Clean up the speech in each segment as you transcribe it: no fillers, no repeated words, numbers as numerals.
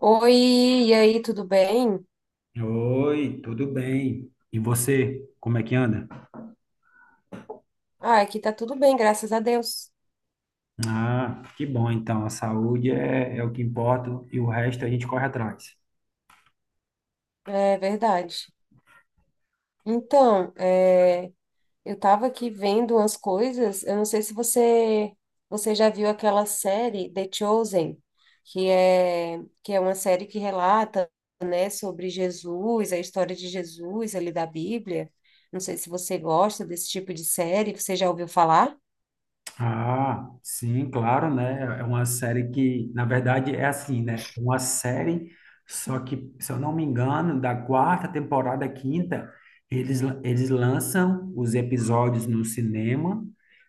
Oi, e aí, tudo bem? Oi, tudo bem? E você, como é que anda? Ah, aqui tá tudo bem, graças a Deus. Ah, que bom então, a saúde é o que importa e o resto a gente corre atrás. É verdade. Então, eu tava aqui vendo umas coisas, eu não sei se você já viu aquela série The Chosen, que é uma série que relata, né, sobre Jesus, a história de Jesus ali da Bíblia. Não sei se você gosta desse tipo de série, você já ouviu falar? Ah, sim, claro, né? É uma série que, na verdade, é assim, né? É uma série, só que, se eu não me engano, da quarta temporada à quinta, eles lançam os episódios no cinema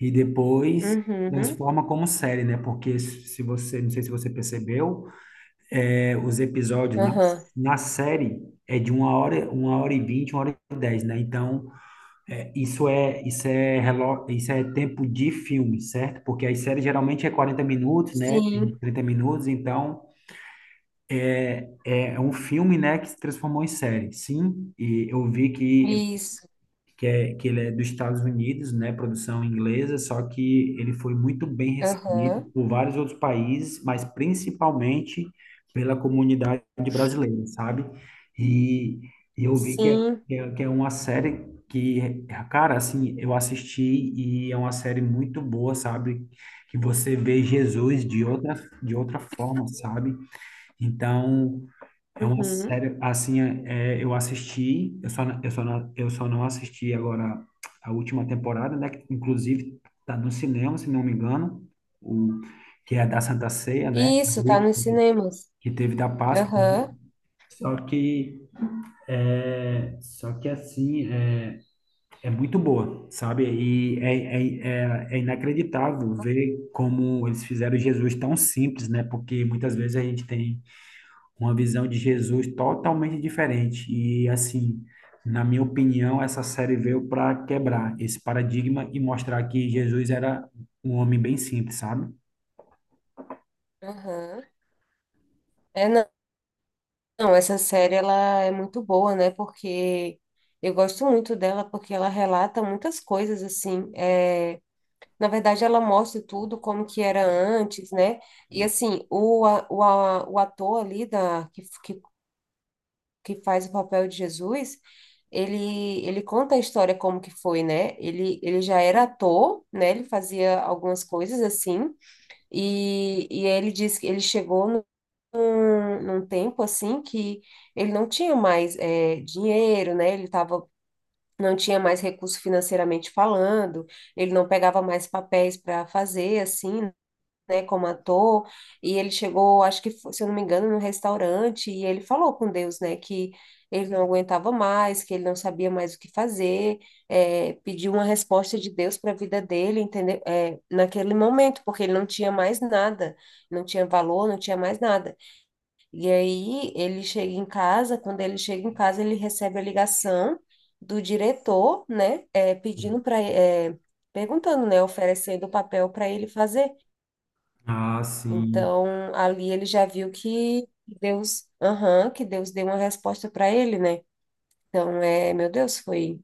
e depois Uhum. transforma como série, né? Porque se você, não sei se você percebeu, os episódios Aham. na série é de uma hora e vinte, uma hora e dez, né? Então, isso é tempo de filme, certo? Porque as séries geralmente é 40 minutos, né? Tem Sim, 30 minutos, então é um filme, né, que se transformou em série. Sim, e eu vi isso. Que ele é dos Estados Unidos, né, produção inglesa, só que ele foi muito bem recebido Aham. por vários outros países, mas principalmente pela comunidade brasileira, sabe? E, e eu vi Sim. Que é uma série que, cara, assim, eu assisti e é uma série muito boa, sabe? Que você vê Jesus de outra forma, sabe? Então, é uma Uhum. série, assim, eu assisti, eu só não assisti agora a última temporada, né? Que, inclusive, tá no cinema, se não me engano, o, que é da Santa Ceia, né? Isso, tá nos teve cinemas. que teve da Páscoa, né. Aham, Só que, só que assim, é muito boa, sabe? E é inacreditável ver como eles fizeram Jesus tão simples, né? Porque muitas vezes a gente tem uma visão de Jesus totalmente diferente. E assim, na minha opinião, essa série veio para quebrar esse paradigma e mostrar que Jesus era um homem bem simples, sabe? aham. É, não, não, essa série ela é muito boa, né? Porque eu gosto muito dela porque ela relata muitas coisas assim. Na verdade, ela mostra tudo como que era antes, né? E assim, o ator ali da, que faz o papel de Jesus, ele conta a história como que foi, né? Ele já era ator, né? Ele fazia algumas coisas assim. E ele disse que ele chegou num tempo assim que ele não tinha mais dinheiro, né? Ele tava, não tinha mais recurso financeiramente falando, ele não pegava mais papéis para fazer, assim, né, como ator, e ele chegou, acho que, se eu não me engano, num restaurante, e ele falou com Deus, né, que ele não aguentava mais, que ele não sabia mais o que fazer, pediu uma resposta de Deus para a vida dele, entendeu? É, naquele momento, porque ele não tinha mais nada, não tinha valor, não tinha mais nada. E aí ele chega em casa, quando ele chega em casa, ele recebe a ligação do diretor, né, pedindo para, perguntando, né, oferecendo o papel para ele fazer. Ah, sim. Então, ali ele já viu que Deus, aham, que Deus deu uma resposta para ele, né? Então, é, meu Deus, foi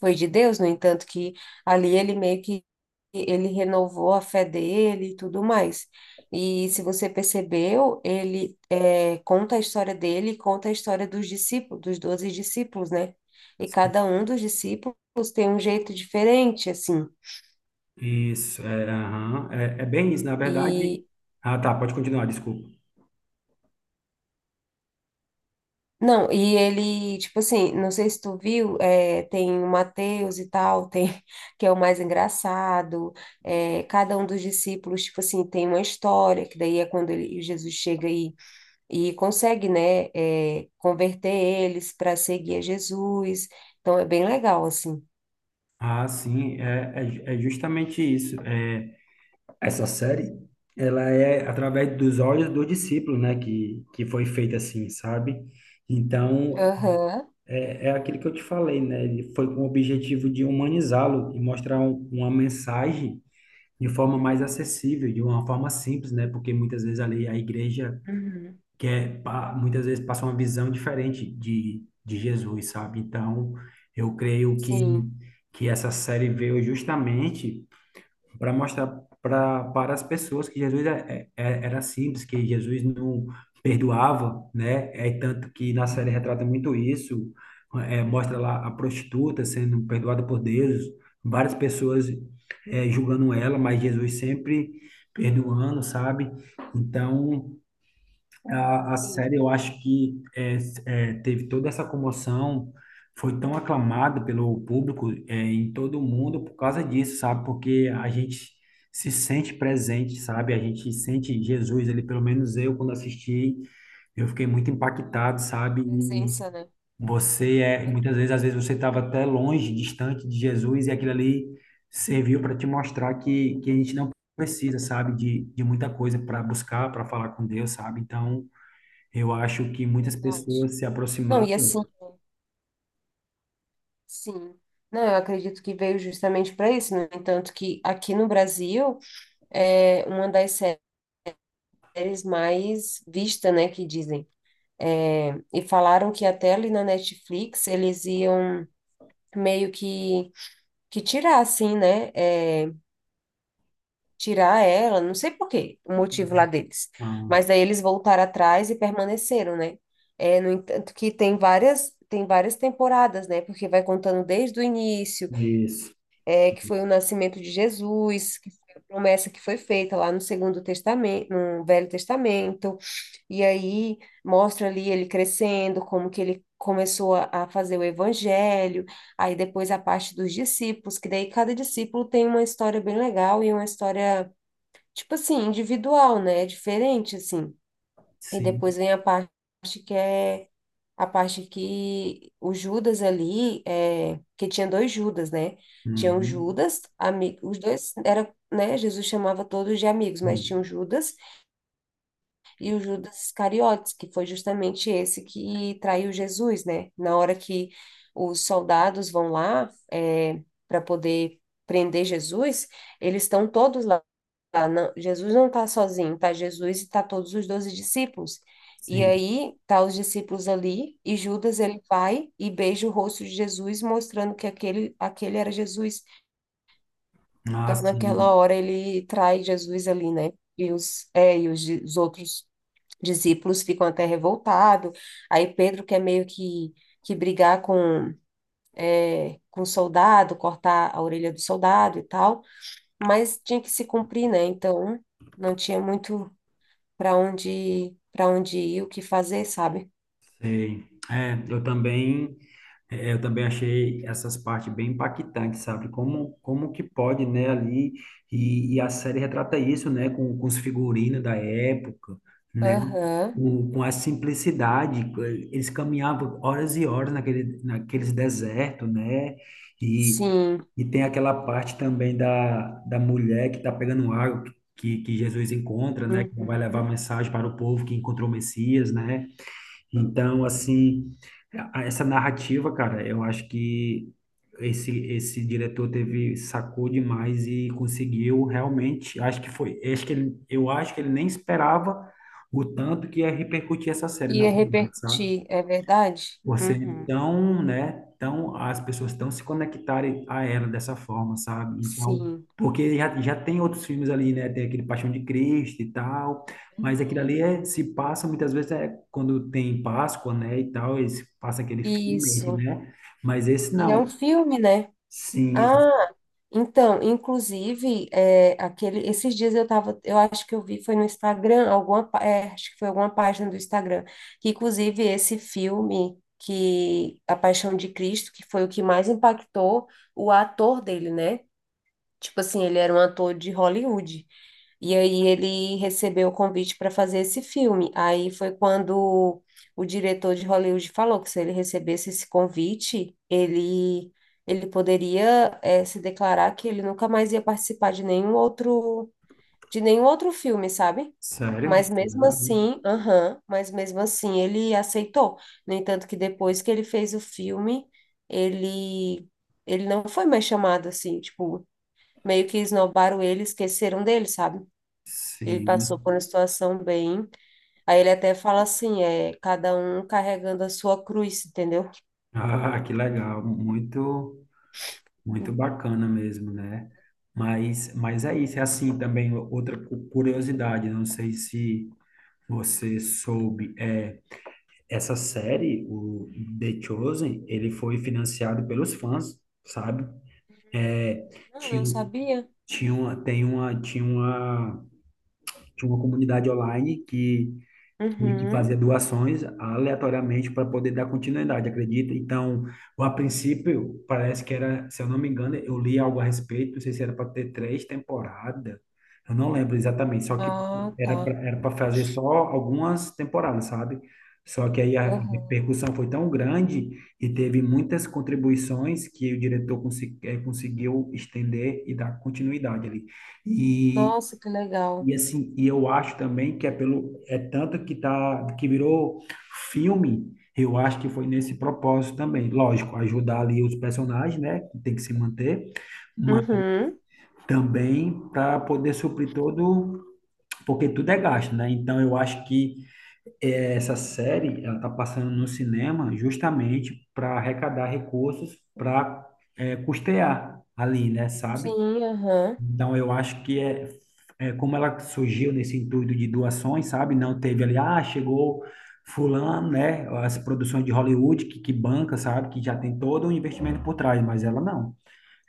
foi de Deus, no entanto que ali ele meio que ele renovou a fé dele e tudo mais. E se você percebeu, ele conta a história dele, e conta a história dos discípulos, dos doze discípulos, né? E cada um dos discípulos tem um jeito diferente, assim. Isso, é, aham. É bem isso, na verdade. E Ah, tá, pode continuar, desculpa. não, e ele, tipo assim, não sei se tu viu, é, tem o Mateus e tal, tem, que é o mais engraçado, é, cada um dos discípulos, tipo assim, tem uma história, que daí é quando Jesus chega e consegue, né, é, converter eles para seguir a Jesus, então é bem legal, assim. Ah, sim, é justamente isso. Essa série, ela é através dos olhos dos discípulos, né? Que foi feita assim, sabe? Então, Aham. É aquilo que eu te falei, né? Ele foi com o objetivo de humanizá-lo e mostrar uma mensagem de forma mais acessível, de uma forma simples, né? Porque muitas vezes ali a igreja Uhum. Muitas vezes passa uma visão diferente de Jesus, sabe? Então, eu creio Sim. que essa série veio justamente para mostrar para as pessoas que Jesus era simples, que Jesus não perdoava, né? É tanto que na série retrata muito isso, Uhum. mostra lá a prostituta sendo perdoada por Deus, várias pessoas julgando ela, mas Jesus sempre perdoando, sabe? Então, a Sim. série, eu acho teve toda essa comoção, foi tão aclamada pelo público em todo o mundo por causa disso, sabe? Porque a gente se sente presente, sabe? A gente sente Jesus, ele pelo menos eu, quando assisti, eu fiquei muito impactado, A sabe? Presença, né? Muitas Aham, vezes, às vezes você estava até longe, distante de Jesus, e aquilo ali serviu para te mostrar que a gente não precisa, sabe, de muita coisa para buscar, para falar com Deus, sabe? Então. Eu acho que muitas verdade. pessoas se Não, aproximaram e assim, sim, não, eu acredito que veio justamente para isso. No entanto, que aqui no Brasil é uma das séries mais vista, né, que dizem. É, e falaram que até ali na Netflix eles iam meio que tirar, assim, né? É, tirar ela, não sei por quê, o motivo lá deles. ah, Mas daí eles voltaram atrás e permaneceram, né? É, no entanto, que tem várias temporadas, né? Porque vai contando desde o início. disso. É, que foi o nascimento de Jesus, que foi a promessa que foi feita lá no Segundo Testamento, no Velho Testamento, e aí mostra ali ele crescendo, como que ele começou a fazer o evangelho, aí depois a parte dos discípulos, que daí cada discípulo tem uma história bem legal e uma história, tipo assim, individual, né? Diferente, assim. E depois Sim. vem a parte que é a parte que o Judas ali, é, que tinha dois Judas, né? Tinha o Uhum. Judas, os dois era, né? Jesus chamava todos de amigos, mas tinha o Sim. Judas, e o Judas Iscariotes, que foi justamente esse que traiu Jesus, né? Na hora que os soldados vão lá é, para poder prender Jesus, eles estão todos lá. Jesus não está sozinho, tá Jesus e tá todos os doze discípulos. E Sim. aí tá os discípulos ali e Judas ele vai e beija o rosto de Jesus, mostrando que aquele era Jesus. Ah, Então naquela sim. hora ele trai Jesus ali, né? E os, os outros discípulos ficam até revoltados. Aí Pedro quer meio que brigar com é, com o soldado, cortar a orelha do soldado e tal, mas tinha que se cumprir, né? Então não tinha muito para onde ir, o que fazer, sabe? Sei. É, eu também, eu também achei essas partes bem impactantes, sabe? Como que pode, né, ali, e a série retrata isso, né, com os figurinos da época, né, Aham, com a simplicidade, eles caminhavam horas e horas naquele, naqueles desertos, né, e, sim. e tem aquela parte também da mulher que está pegando água, que Jesus encontra, né, que vai levar a Uhum. mensagem para o povo que encontrou o Messias, né, então, assim, essa narrativa, cara, eu acho que esse diretor teve, sacou demais e conseguiu realmente, acho que foi, acho que ele, eu acho que ele nem esperava o tanto que ia repercutir essa série, na Ia verdade, sabe? repercutir, é verdade? Você Uhum. então, né? Então as pessoas estão se conectarem a ela dessa forma, sabe? Então, Sim. porque já tem outros filmes ali, né? Tem aquele Paixão de Cristo e tal, mas aquilo Aham. ali é, se passa muitas vezes é quando tem Páscoa, né? E tal, eles passam aquele filme, Isso. né? Mas esse E é um não. filme, né? Sim, Ah, então, inclusive, é, aquele, esses dias eu tava, eu acho que eu vi, foi no Instagram, alguma, é, acho que foi alguma página do Instagram, que inclusive esse filme, que A Paixão de Cristo, que foi o que mais impactou o ator dele, né? Tipo assim, ele era um ator de Hollywood. E aí ele recebeu o convite para fazer esse filme. Aí foi quando o diretor de Hollywood falou que se ele recebesse esse convite, ele poderia se declarar que ele nunca mais ia participar de nenhum outro filme, sabe? sério? Mas mesmo assim, aham, mas mesmo assim ele aceitou. No entanto, que depois que ele fez o filme, ele ele não foi mais chamado assim, tipo, meio que esnobaram ele, esqueceram dele, sabe? Ele Sim. passou por uma situação bem. Aí ele até fala assim, é cada um carregando a sua cruz, entendeu? Ah, que legal, muito. Muito Hum. bacana mesmo, né? Mas é isso, é assim também outra curiosidade, não sei se você soube, é, essa série, o The Chosen, ele foi financiado pelos fãs, sabe? É, Não, não tinha, sabia. tinha uma, tem uma, tinha uma, tinha uma comunidade online que Uhum. fazia doações aleatoriamente para poder dar continuidade, acredita? Então, a princípio, parece que era, se eu não me engano, eu li algo a respeito, não sei se era para ter três temporadas, eu não lembro exatamente, só que Ah, era para tá. era para fazer só algumas temporadas, sabe? Só que aí a Uhum. repercussão foi tão grande e teve muitas contribuições que o diretor conseguiu estender e dar continuidade ali. E Nossa, que legal. e assim, e eu acho também que é pelo é tanto que tá que virou filme, eu acho que foi nesse propósito também. Lógico, ajudar ali os personagens, né, que tem que se manter, mas Uhum. também para poder suprir todo, porque tudo é gasto, né? Então eu acho que eh, essa série ela tá passando no cinema justamente para arrecadar recursos para custear ali, né, sabe? Sim, aham. Então, eu acho é como ela surgiu nesse intuito de doações, sabe? Não teve ali, ah, chegou fulano, né? As produções de Hollywood que banca, sabe? Que já tem todo um investimento por trás, mas ela não.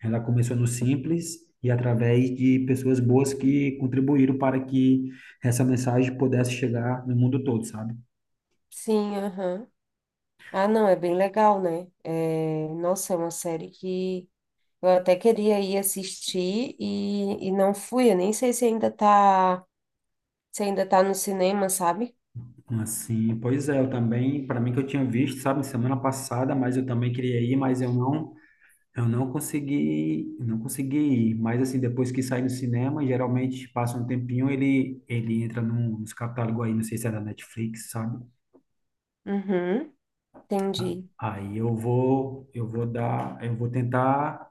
Ela começou no simples e através de pessoas boas que contribuíram para que essa mensagem pudesse chegar no mundo todo, sabe? Sim, aham. Ah, não, é bem legal, né? É, nossa, é uma série que eu até queria ir assistir e não fui. Eu nem sei se ainda tá, se ainda tá no cinema, sabe? Assim, pois é, eu também, para mim que eu tinha visto, sabe, semana passada, mas eu também queria ir, mas eu não consegui, ir, mas assim, depois que sai do cinema, geralmente passa um tempinho, ele entra nos catálogos aí, não sei se é da Netflix, sabe? Uhum. Entendi. Aí eu vou dar, eu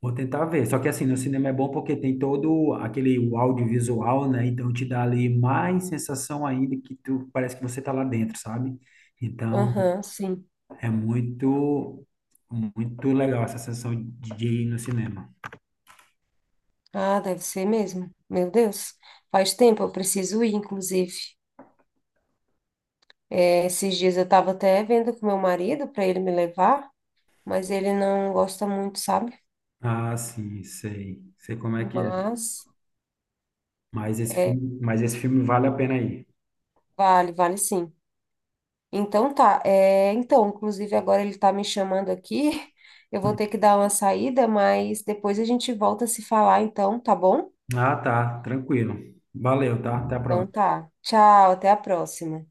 vou tentar ver. Só que assim, no cinema é bom porque tem todo aquele o audiovisual, né? Então te dá ali mais sensação ainda que tu parece que você tá lá dentro, sabe? Então Aham, sim. é muito muito legal essa sensação de ir no cinema. Ah, deve ser mesmo. Meu Deus, faz tempo, eu preciso ir, inclusive. É, esses dias eu estava até vendo com meu marido para ele me levar, mas ele não gosta muito, sabe? Ah, sim, sei. Sei como é que é. Mas é, Mas esse filme vale a pena aí. Vale sim. Então tá, é, então, inclusive agora ele tá me chamando aqui. Eu vou ter que dar uma saída, mas depois a gente volta a se falar, então, tá bom? Ah, tá, tranquilo. Valeu, tá? Até a Então próxima. tá. Tchau, até a próxima.